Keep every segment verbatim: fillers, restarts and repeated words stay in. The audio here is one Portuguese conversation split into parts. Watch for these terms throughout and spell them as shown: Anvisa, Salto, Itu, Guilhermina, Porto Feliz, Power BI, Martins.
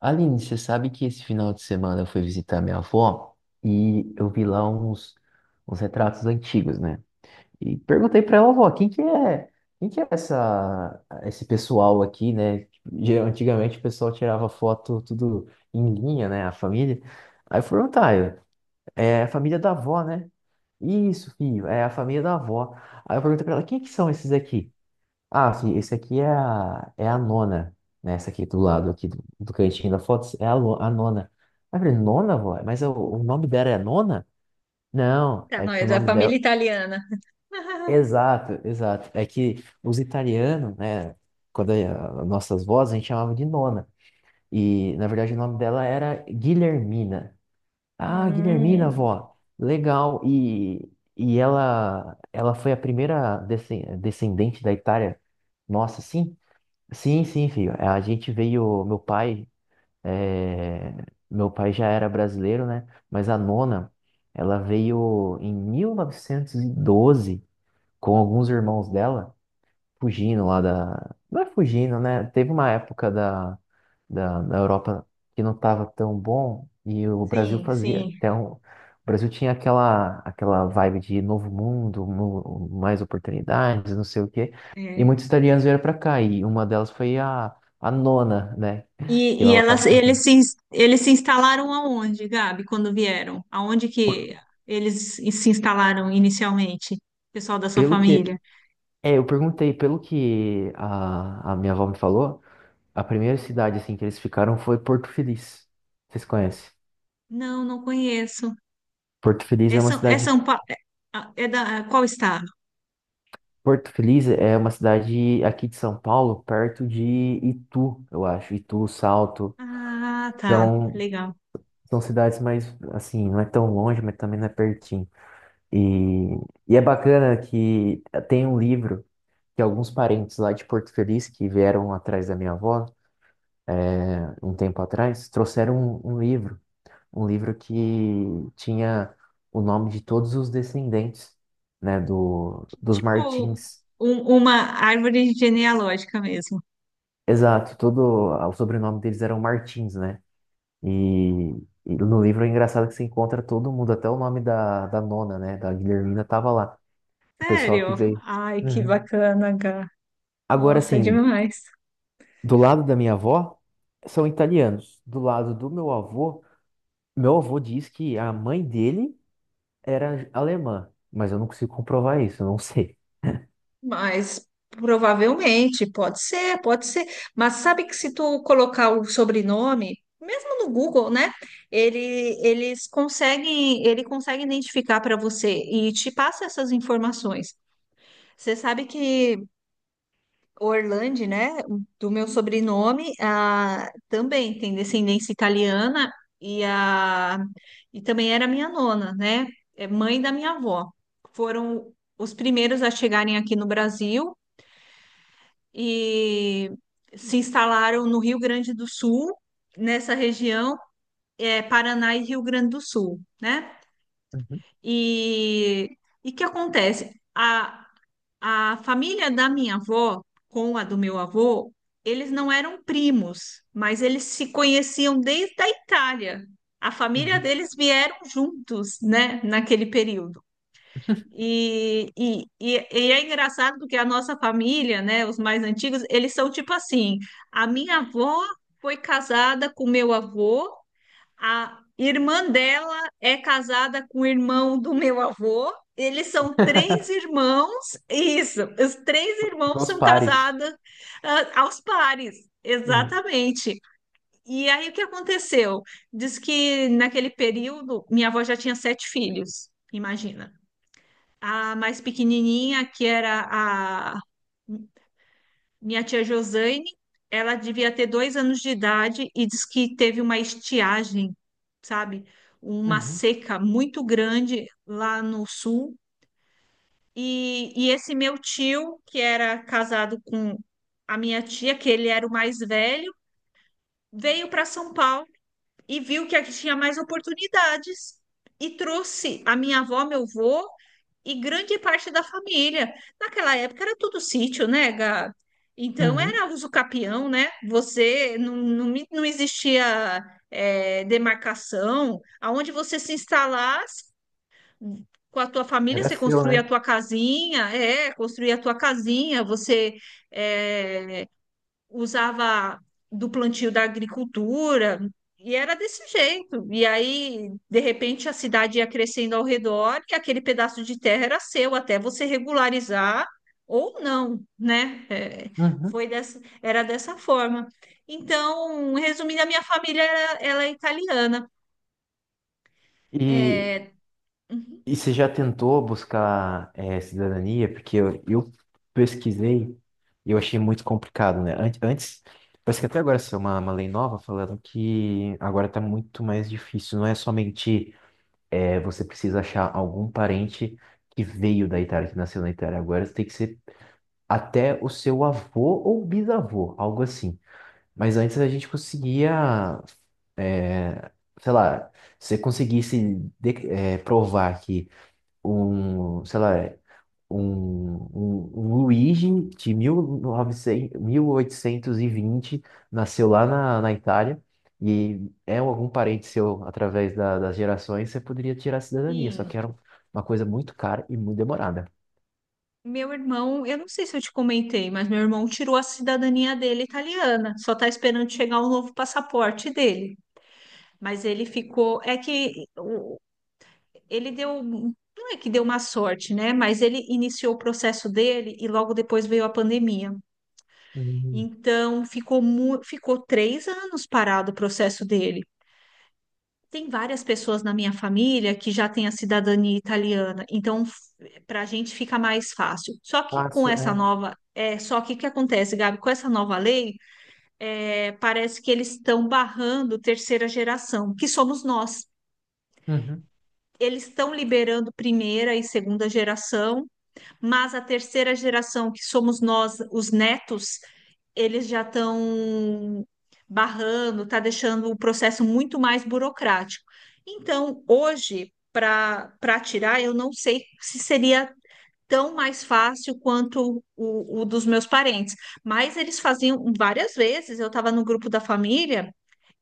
Aline, você sabe que esse final de semana eu fui visitar minha avó e eu vi lá uns, uns retratos antigos, né? E perguntei pra ela, avó, quem que é, quem que é essa, esse pessoal aqui, né? Geral- Antigamente o pessoal tirava foto tudo em linha, né? A família. Aí eu fui perguntar, eu, é a família da avó, né? Isso, filho, é a família da avó. Aí eu perguntei pra ela, quem é que são esses aqui? Ah, sim, esse aqui é a, é a nona, né? Essa aqui do lado, aqui do, do cantinho da foto, é a, lo- a nona. Aí eu falei, nona, vó? Mas o, o nome dela é nona? Não, Tá, é não, que é o da nome dela... família italiana. Exato, exato. É que os italianos, né? Quando é a- nossas vozes, a gente chamava de nona. E, na verdade, o nome dela era Guilhermina. Ah, Guilhermina, Hum, vó. Legal. E, e ela, ela foi a primeira descen- descendente da Itália. Nossa, sim. Sim, sim, filho. É, a gente veio, meu pai, eh, meu pai já era brasileiro, né? Mas a nona, ela veio em mil novecentos e doze com alguns irmãos dela fugindo lá da. Não é fugindo, né? Teve uma época da, da, da Europa que não estava tão bom e o Brasil sim, fazia. sim. Então, o Brasil tinha aquela, aquela vibe de novo mundo, mu- mais oportunidades, não sei o quê. E É. muitos italianos vieram para cá e uma delas foi a, a nona, né? Que E, e ela elas, tava... eles se, ins- eles se instalaram aonde, Gabi, quando vieram? Aonde por- que eles se instalaram inicialmente? Pessoal da sua Pelo que. família? É, eu perguntei, pelo que a, a minha avó me falou, a primeira cidade assim que eles ficaram foi Porto Feliz. Vocês conhecem? Não, não conheço. Porto Feliz É é uma São, é cidade. São Pa- é ah, é da qual estado? Porto Feliz é uma cidade aqui de São Paulo, perto de Itu, eu acho. Itu, Salto. Ah, tá, Então, legal. são cidades mais, assim, não é tão longe, mas também não é pertinho. E, e é bacana que tem um livro que alguns parentes lá de Porto Feliz, que vieram atrás da minha avó, é, um tempo atrás, trouxeram um, um livro. Um livro que tinha o nome de todos os descendentes, né, do, dos Tipo Martins. um- uma árvore genealógica mesmo. Exato, todo o sobrenome deles eram Martins, né? E, e no livro é engraçado que você encontra todo mundo, até o nome da, da nona, né? Da Guilhermina tava lá. O pessoal que Sério? veio. Ai, que Uhum. bacana, Gá. Agora, Nossa, assim, demais. do lado da minha avó, são italianos. Do lado do meu avô, meu avô diz que a mãe dele era alemã, mas eu não consigo comprovar isso, eu não sei. Mas provavelmente, pode ser, pode ser. Mas sabe que se tu colocar o sobrenome, mesmo no Google, né? Ele, eles conseguem, ele consegue identificar para você e te passa essas informações. Você sabe que Orlando, né, do meu sobrenome, ah, também tem descendência italiana e, a, e também era minha nona, né? É mãe da minha avó. Foram os primeiros a chegarem aqui no Brasil e se instalaram no Rio Grande do Sul, nessa região, é, Paraná e Rio Grande do Sul, né? Uhum, E o que acontece? A, a família da minha avó com a do meu avô, eles não eram primos, mas eles se conheciam desde a Itália. A família uhum. deles vieram juntos, né, naquele período. E, e, e, e é engraçado porque a nossa família, né, os mais antigos, eles são tipo assim: a minha avó foi casada com meu avô, a irmã dela é casada com o irmão do meu avô. Eles são três irmãos, isso, os três irmãos Dos são pares. casados, ah, aos pares, Uhum, exatamente. E aí o que aconteceu? Diz que naquele período minha avó já tinha sete filhos, imagina. A mais pequenininha, que era a minha tia Josane, ela devia ter dois anos de idade e diz que teve uma estiagem, sabe? Uma uhum, seca muito grande lá no sul. E, e esse meu tio, que era casado com a minha tia, que ele era o mais velho, veio para São Paulo e viu que aqui tinha mais oportunidades e trouxe a minha avó, meu avô e grande parte da família. Naquela época era tudo sítio, né, Gá? Então uhum. era uso capião, né? Você não, não, me- não existia é, demarcação. Aonde você se instalasse com a tua família, Era você seu, construía né? a tua casinha, é, construía a tua casinha, você é, usava do plantio da agricultura, e era desse jeito. E aí, de repente, a cidade ia crescendo ao redor e aquele pedaço de terra era seu, até você regularizar ou não, né? É, Uhum. foi dessa, era dessa forma. Então, resumindo, a minha família era, ela é italiana. E É, uhum, E você já tentou buscar eh, cidadania? Porque eu, eu pesquisei e eu achei muito complicado, né? An- Antes, parece que até agora saiu uma, uma lei nova falando que agora tá muito mais difícil. Não é somente eh, você precisa achar algum parente que veio da Itália, que nasceu na Itália. Agora tem que ser até o seu avô ou bisavô, algo assim. Mas antes a gente conseguia, eh, sei lá, se você conseguisse de- eh, provar que um, sei lá, é um, um, um Luigi de mil e novecentos, mil oitocentos e vinte nasceu lá na, na Itália, e é um, algum parente seu através da- das gerações, você poderia tirar a cidadania, só que sim. era uma coisa muito cara e muito demorada. Meu irmão, eu não sei se eu te comentei, mas meu irmão tirou a cidadania dele italiana, só está esperando chegar o novo passaporte dele. Mas ele ficou. É que o- ele deu. Não é que deu uma sorte, né? Mas ele iniciou o processo dele e logo depois veio a pandemia. Hum, Então ficou, mu- ficou três anos parado o processo dele. Tem várias pessoas na minha família que já têm a cidadania italiana, então para a gente fica mais fácil. Só que com fácil, essa é. nova. É, só que o que acontece, Gabi? Com essa nova lei, é, parece que eles estão barrando terceira geração, que somos nós. Uhum, Eles estão liberando primeira e segunda geração, mas a terceira geração, que somos nós, os netos, eles já estão barrando, está deixando o processo muito mais burocrático. Então, hoje, para para tirar, eu não sei se seria tão mais fácil quanto o, o dos meus parentes, mas eles faziam várias vezes. Eu estava no grupo da família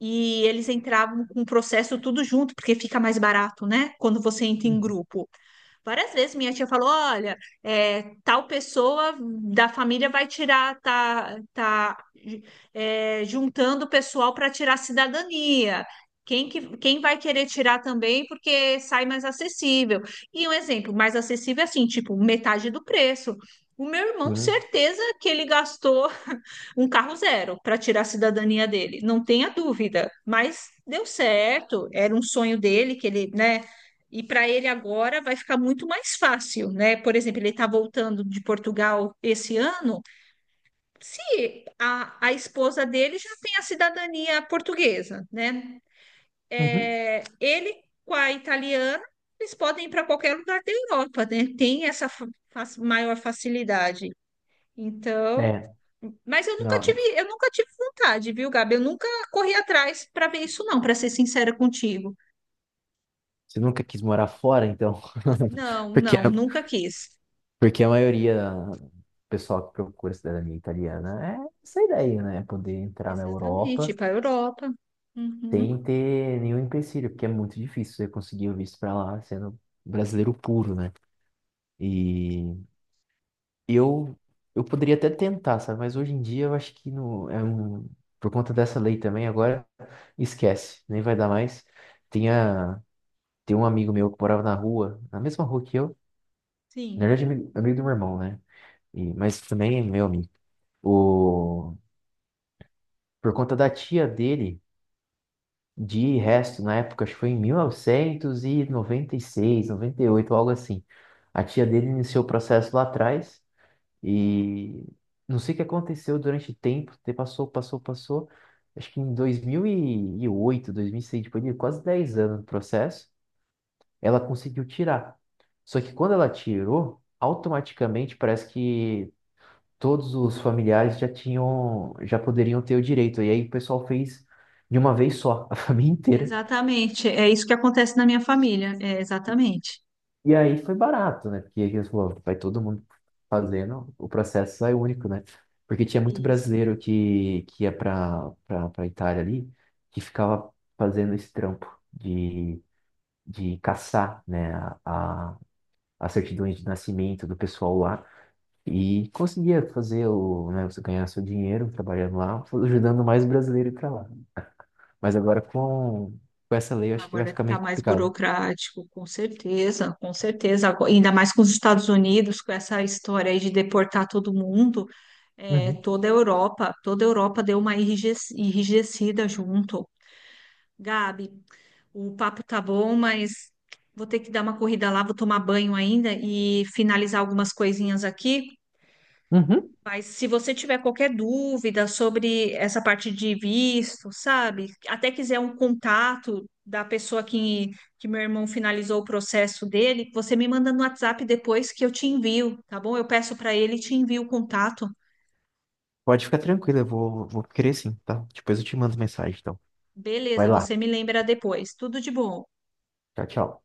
e eles entravam com o processo tudo junto, porque fica mais barato, né? Quando você entra em grupo. Várias vezes minha tia falou: olha, é, tal pessoa da família vai tirar, tá, tá é, juntando o pessoal para tirar a cidadania. Quem, que, quem vai querer tirar também porque sai mais acessível. E um exemplo mais acessível é assim, tipo, metade do preço. O meu irmão, uhum, certeza que ele gastou um carro zero para tirar a cidadania dele, não tenha dúvida. Mas deu certo, era um sonho dele que ele, né? E para ele agora vai ficar muito mais fácil, né? Por exemplo, ele está voltando de Portugal esse ano. Se a, a esposa dele já tem a cidadania portuguesa, né? uhum. É, ele com a italiana, eles podem ir para qualquer lugar da Europa, né? Tem essa fa- fa- maior facilidade. Então, É, mas eu nunca não, tive, eu nunca tive vontade, viu, Gabi? Eu nunca corri atrás para ver isso, não, para ser sincera contigo. você nunca quis morar fora, então, Não, porque é não, nunca quis. porque a maioria do pessoal que procura cidadania italiana é essa ideia, né? Poder entrar na Exatamente, ir Europa para a Europa. Uhum, sem ter nenhum empecilho, porque é muito difícil você conseguir o visto para lá sendo brasileiro puro, né? E eu eu poderia até tentar, sabe? Mas hoje em dia eu acho que não é um por conta dessa lei também agora esquece, nem vai dar mais. Tinha tem um amigo meu que morava na rua, na mesma rua que eu, na sim, verdade amigo, amigo do meu irmão, né? E, mas também é meu amigo. O por conta da tia dele, de resto, na época, acho que foi em mil e e noventa noventa seis noventa e oito algo assim. A tia dele iniciou o processo lá atrás e não sei o que aconteceu durante o tempo, te- passou, passou, passou. Acho que em dois mil e oito, dois mil e seis, depois de quase dez anos do processo, ela conseguiu tirar. Só que quando ela tirou, automaticamente parece que todos os familiares já tinham, já poderiam ter o direito. E aí o pessoal fez de uma vez só, a família inteira. exatamente. É isso que acontece na minha família. É exatamente E aí foi barato, né? Porque eles falaram, vai todo mundo fazendo, o processo sai único, né? Porque tinha muito isso. brasileiro que, que ia para para Itália ali, que ficava fazendo esse trampo de, de caçar, né, a, a, a certidão de nascimento do pessoal lá. E conseguia fazer o, né, você ganhar seu dinheiro trabalhando lá, ajudando mais brasileiro para lá. Mas agora com, com essa lei eu acho que vai Agora ficar está meio mais complicado. burocrático, com certeza, com certeza. Agora- ainda mais com os Estados Unidos, com essa história aí de deportar todo mundo. É, Uhum. toda a Europa, toda a Europa deu uma enrijec- enrijecida junto. Gabi, o papo tá bom, mas vou ter que dar uma corrida lá, vou tomar banho ainda e finalizar algumas coisinhas aqui. Uhum. Mas se você tiver qualquer dúvida sobre essa parte de visto, sabe? Até quiser um contato da pessoa que, que meu irmão finalizou o processo dele, você me manda no WhatsApp depois que eu te envio, tá bom? Eu peço para ele e te envio o contato. Pode ficar tranquilo, eu vou, vou querer sim, tá? Depois eu te mando mensagem, então. Vai Beleza, lá. você me lembra depois. Tudo de bom. Tchau, tchau.